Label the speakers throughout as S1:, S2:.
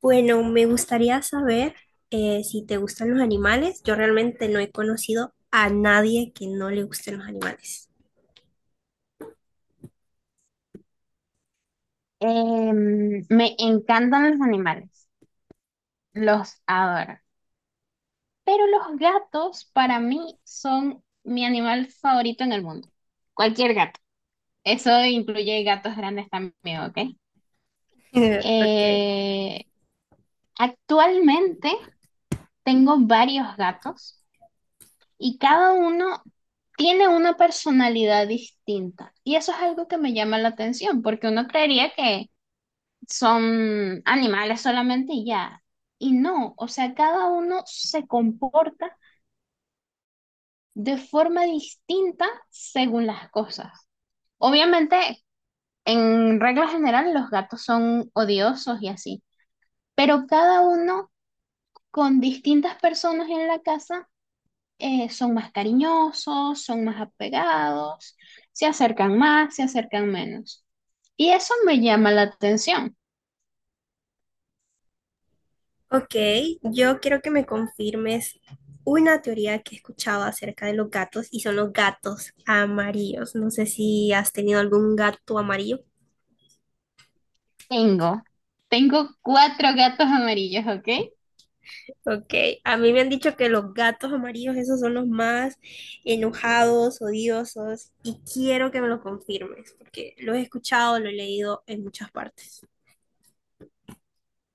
S1: Bueno, me gustaría saber si te gustan los animales. Yo realmente no he conocido a nadie que no le gusten los animales.
S2: Me encantan los animales, los adoro, pero los gatos para mí son mi animal favorito en el mundo. Cualquier gato. Eso incluye gatos grandes también, ¿ok?
S1: Ok.
S2: Eh, Actualmente tengo varios gatos y cada uno tiene una personalidad distinta. Y eso es algo que me llama la atención, porque uno creería que son animales solamente y ya. Y no, o sea, cada uno se comporta de forma distinta según las cosas. Obviamente, en regla general, los gatos son odiosos y así, pero cada uno con distintas personas en la casa son más cariñosos, son más apegados, se acercan más, se acercan menos. Y eso me llama la atención.
S1: Ok, yo quiero que me confirmes una teoría que he escuchado acerca de los gatos y son los gatos amarillos. No sé si has tenido algún gato amarillo.
S2: Tengo, tengo cuatro gatos amarillos, ¿ok?
S1: Ok, a mí me han dicho que los gatos amarillos, esos son los más enojados, odiosos, y quiero que me lo confirmes, porque lo he escuchado, lo he leído en muchas partes.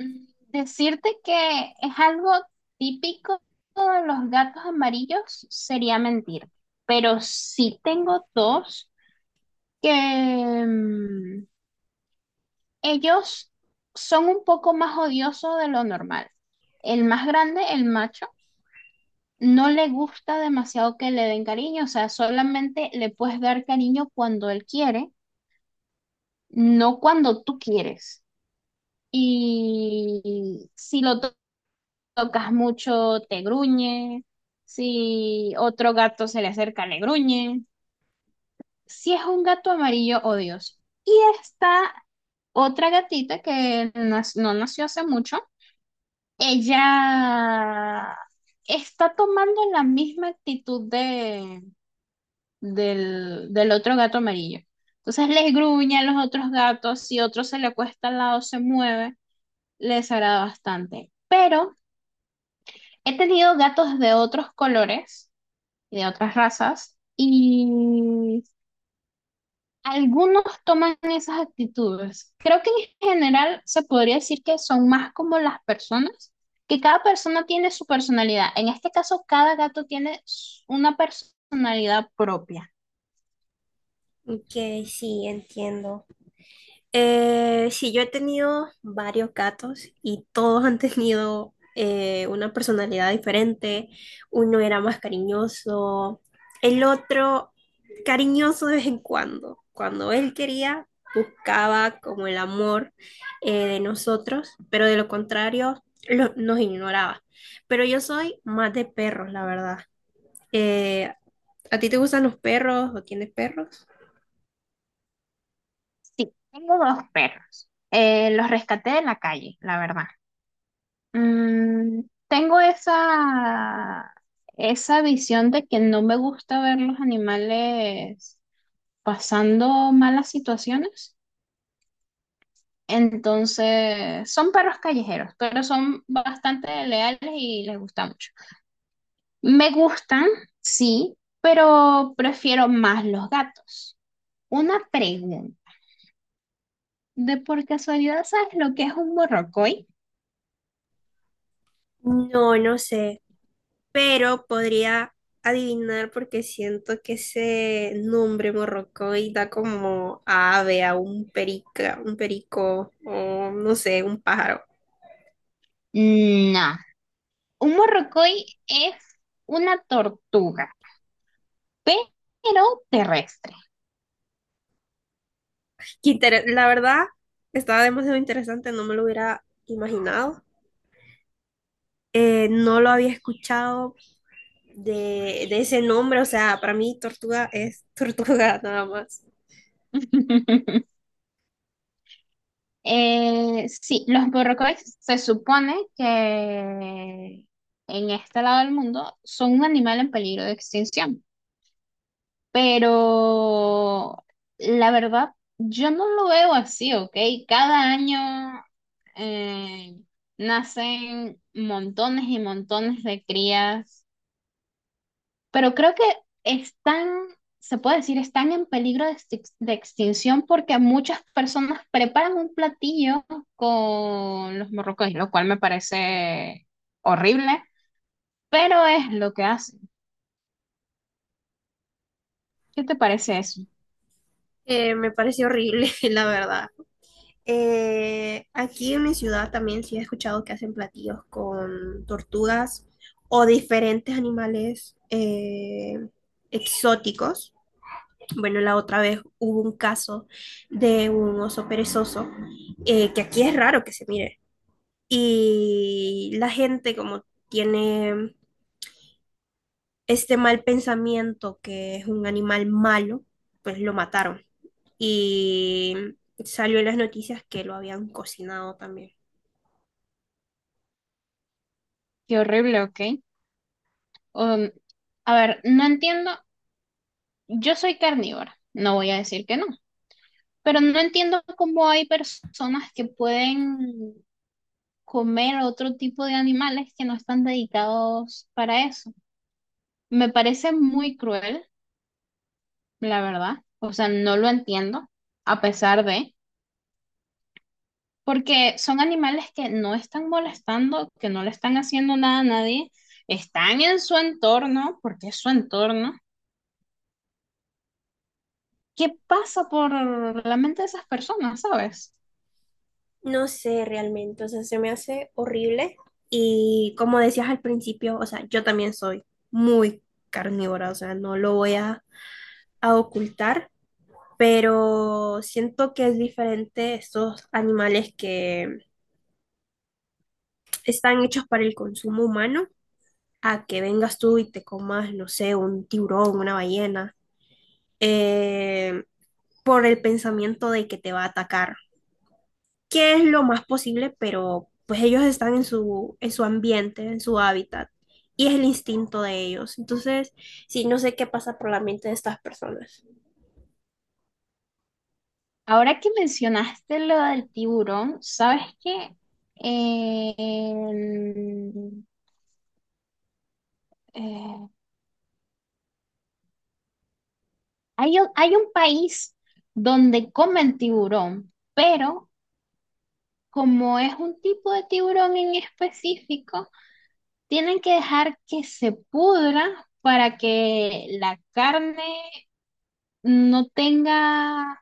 S2: Mm, Decirte que es algo típico de los gatos amarillos sería mentir, pero sí tengo dos que mm, ellos son un poco más odiosos de lo normal. El más grande, el macho, no le gusta demasiado que le den cariño, o sea, solamente le puedes dar cariño cuando él quiere, no cuando tú quieres. Y si lo tocas mucho, te gruñe. Si otro gato se le acerca, le gruñe. Si es un gato amarillo, odioso. Y está otra gatita que no nació hace mucho. Ella está tomando la misma actitud del otro gato amarillo. Entonces les gruñe a los otros gatos, si otro se le acuesta al lado, se mueve, les agrada bastante. Pero he tenido gatos de otros colores y de otras razas. Y algunos toman esas actitudes. Creo que en general se podría decir que son más como las personas, que cada persona tiene su personalidad. En este caso, cada gato tiene una personalidad propia.
S1: Ok, sí, entiendo. Sí, yo he tenido varios gatos y todos han tenido una personalidad diferente. Uno era más cariñoso, el otro cariñoso de vez en cuando. Cuando él quería, buscaba como el amor de nosotros, pero de lo contrario, nos ignoraba. Pero yo soy más de perros, la verdad. Eh, ¿A ti te gustan los perros o tienes perros?
S2: Sí, tengo dos perros. Los rescaté de la calle, la verdad. Mm, Tengo esa visión de que no me gusta ver los animales pasando malas situaciones. Entonces, son perros callejeros, pero son bastante leales y les gusta mucho. Me gustan, sí, pero prefiero más los gatos. Una pregunta. ¿De por casualidad sabes lo que es un morrocoy?
S1: No, no sé, pero podría adivinar porque siento que ese nombre morrocoy da como a ave, a un perica, un perico o no sé, un pájaro.
S2: No. Un morrocoy es una tortuga, pero terrestre.
S1: La verdad, estaba demasiado interesante, no me lo hubiera imaginado. No lo había escuchado de ese nombre, o sea, para mí tortuga es tortuga nada más.
S2: Sí, los borrocoides se supone que en este lado del mundo son un animal en peligro de extinción, pero la verdad yo no lo veo así, ¿ok? Cada año eh, nacen montones y montones de crías, pero creo que están, se puede decir, están en peligro de extinción porque muchas personas preparan un platillo con los morrocoy, lo cual me parece horrible, pero es lo que hacen. ¿Qué te parece eso?
S1: Me pareció horrible, la verdad. Aquí en mi ciudad también sí he escuchado que hacen platillos con tortugas o diferentes animales exóticos. Bueno, la otra vez hubo un caso de un oso perezoso, que aquí es raro que se mire. Y la gente como tiene este mal pensamiento que es un animal malo, pues lo mataron. Y salió en las noticias que lo habían cocinado también.
S2: Qué horrible, ¿ok? Um, a ver, no entiendo, yo soy carnívora, no voy a decir que no, pero no entiendo cómo hay personas que pueden comer otro tipo de animales que no están dedicados para eso. Me parece muy cruel, la verdad. O sea, no lo entiendo, a pesar de, porque son animales que no están molestando, que no le están haciendo nada a nadie, están en su entorno, porque es su entorno. ¿Qué pasa por la mente de esas personas, sabes?
S1: No sé realmente, o sea, se me hace horrible y como decías al principio, o sea, yo también soy muy carnívora, o sea, no lo voy a ocultar, pero siento que es diferente estos animales que están hechos para el consumo humano a que vengas tú y te comas, no sé, un tiburón, una ballena, eh, por el pensamiento de que te va a atacar, que es lo más posible, pero pues ellos están en su ambiente, en su hábitat, y es el instinto de ellos. Entonces, sí, no sé qué pasa por la mente de estas personas.
S2: Ahora que mencionaste lo del tiburón, ¿sabes qué? En- eh, hay un país donde comen tiburón, pero como es un tipo de tiburón en específico, tienen que dejar que se pudra para que la carne no tenga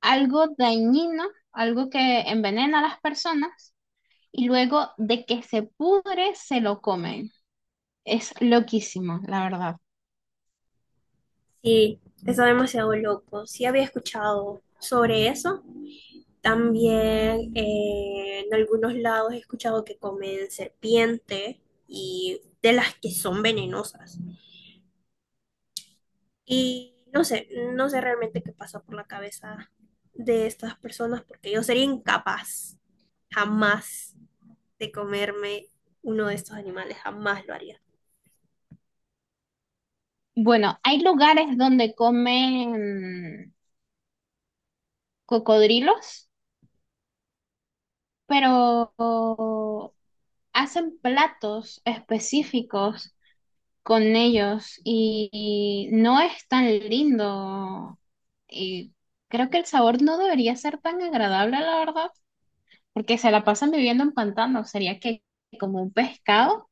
S2: algo dañino, algo que envenena a las personas, y luego de que se pudre, se lo comen. Es loquísimo, la verdad.
S1: Sí, está demasiado loco. Sí había escuchado sobre eso. También en algunos lados he escuchado que comen serpiente y de las que son venenosas. Y no sé, no sé realmente qué pasó por la cabeza de estas personas porque yo sería incapaz jamás de comerme uno de estos animales, jamás lo haría.
S2: Bueno, hay lugares donde comen cocodrilos, pero hacen platos específicos con ellos y no es tan lindo. Y creo que el sabor no debería ser tan agradable, la verdad, porque se la pasan viviendo en pantano. Sería que como un pescado.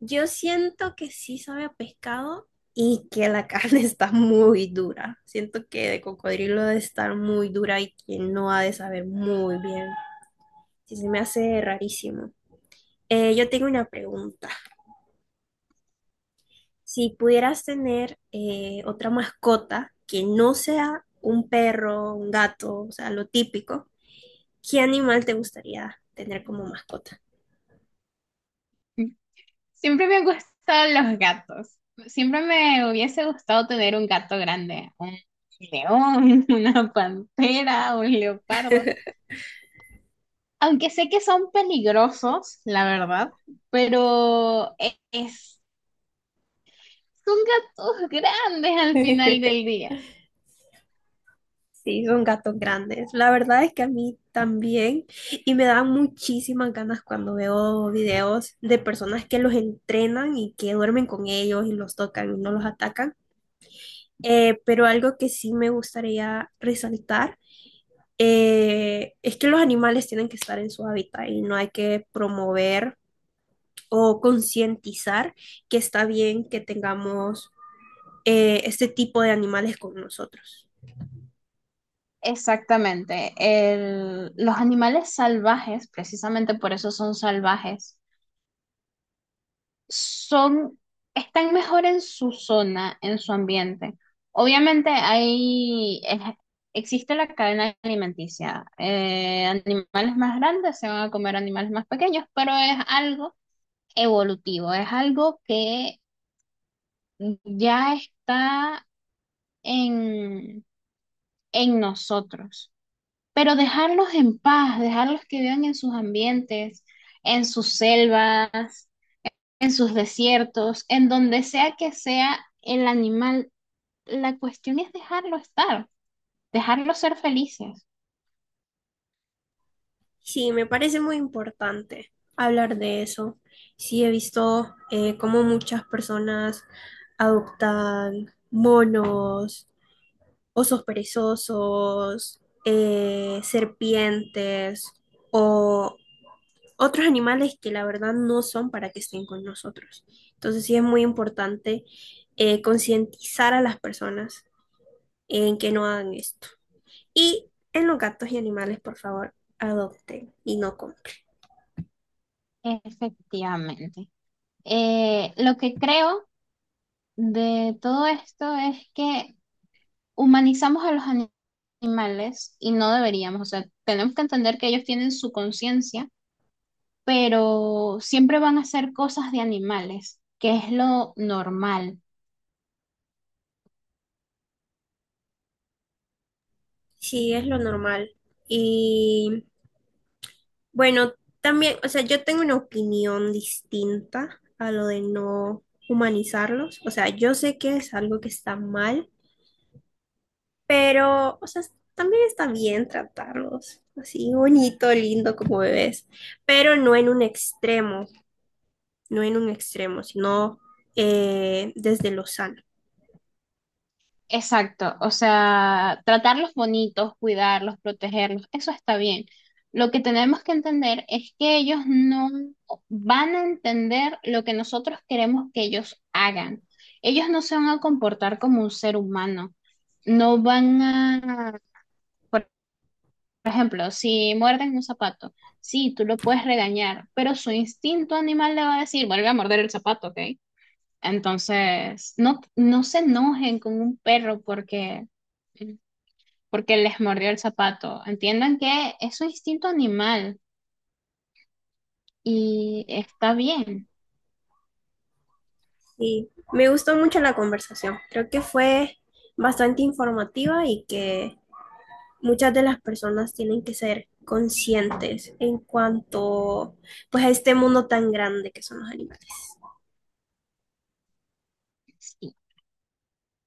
S1: Yo siento que sí sabe a pescado y que la carne está muy dura. Siento que de cocodrilo debe estar muy dura y que no ha de saber muy bien. Sí, se me hace rarísimo. Yo tengo una pregunta. Si pudieras tener otra mascota que no sea un perro, un gato, o sea, lo típico, ¿qué animal te gustaría tener como mascota?
S2: Siempre me han gustado los gatos. Siempre me hubiese gustado tener un gato grande, un león, una pantera, un leopardo. Aunque sé que son peligrosos, la verdad, pero e- es son gatos grandes al final del día.
S1: Sí, son gatos grandes. La verdad es que a mí también, y me dan muchísimas ganas cuando veo videos de personas que los entrenan y que duermen con ellos y los tocan y no los atacan. Pero algo que sí me gustaría resaltar es que los animales tienen que estar en su hábitat y no hay que promover o concientizar que está bien que tengamos este tipo de animales con nosotros.
S2: Exactamente. Los animales salvajes, precisamente por eso son salvajes, son, están mejor en su zona, en su ambiente. Obviamente existe la cadena alimenticia. Animales más grandes se van a comer animales más pequeños, pero es algo evolutivo, es algo que ya está en, en nosotros. Pero dejarlos en paz, dejarlos que vivan en sus ambientes, en sus selvas, en sus desiertos, en donde sea que sea el animal, la cuestión es dejarlo estar, dejarlos ser felices.
S1: Sí, me parece muy importante hablar de eso. Sí, he visto cómo muchas personas adoptan monos, osos perezosos, serpientes o otros animales que la verdad no son para que estén con nosotros. Entonces sí es muy importante concientizar a las personas en que no hagan esto. Y en los gatos y animales, por favor, adopten y no compren.
S2: Efectivamente. Lo que creo de todo esto es que humanizamos a los animales y no deberíamos, o sea, tenemos que entender que ellos tienen su conciencia, pero siempre van a ser cosas de animales, que es lo normal.
S1: Sí, es lo normal. Y bueno, también, o sea, yo tengo una opinión distinta a lo de no humanizarlos. O sea, yo sé que es algo que está mal. Pero, o sea, también está bien tratarlos así bonito, lindo como bebés, pero no en un extremo, no en un extremo, sino desde lo sano.
S2: Exacto, o sea, tratarlos bonitos, cuidarlos, protegerlos, eso está bien. Lo que tenemos que entender es que ellos no van a entender lo que nosotros queremos que ellos hagan. Ellos no se van a comportar como un ser humano. No van a, por. Por ejemplo, si muerden un zapato, sí, tú lo puedes regañar, pero su instinto animal le va a decir, vuelve a morder el zapato, ¿ok? Entonces, no, no se enojen con un perro porque les mordió el zapato. Entiendan que es su instinto animal y está bien.
S1: Y me gustó mucho la conversación. Creo que fue bastante informativa y que muchas de las personas tienen que ser conscientes en cuanto pues a este mundo tan grande que son los animales.
S2: Sí.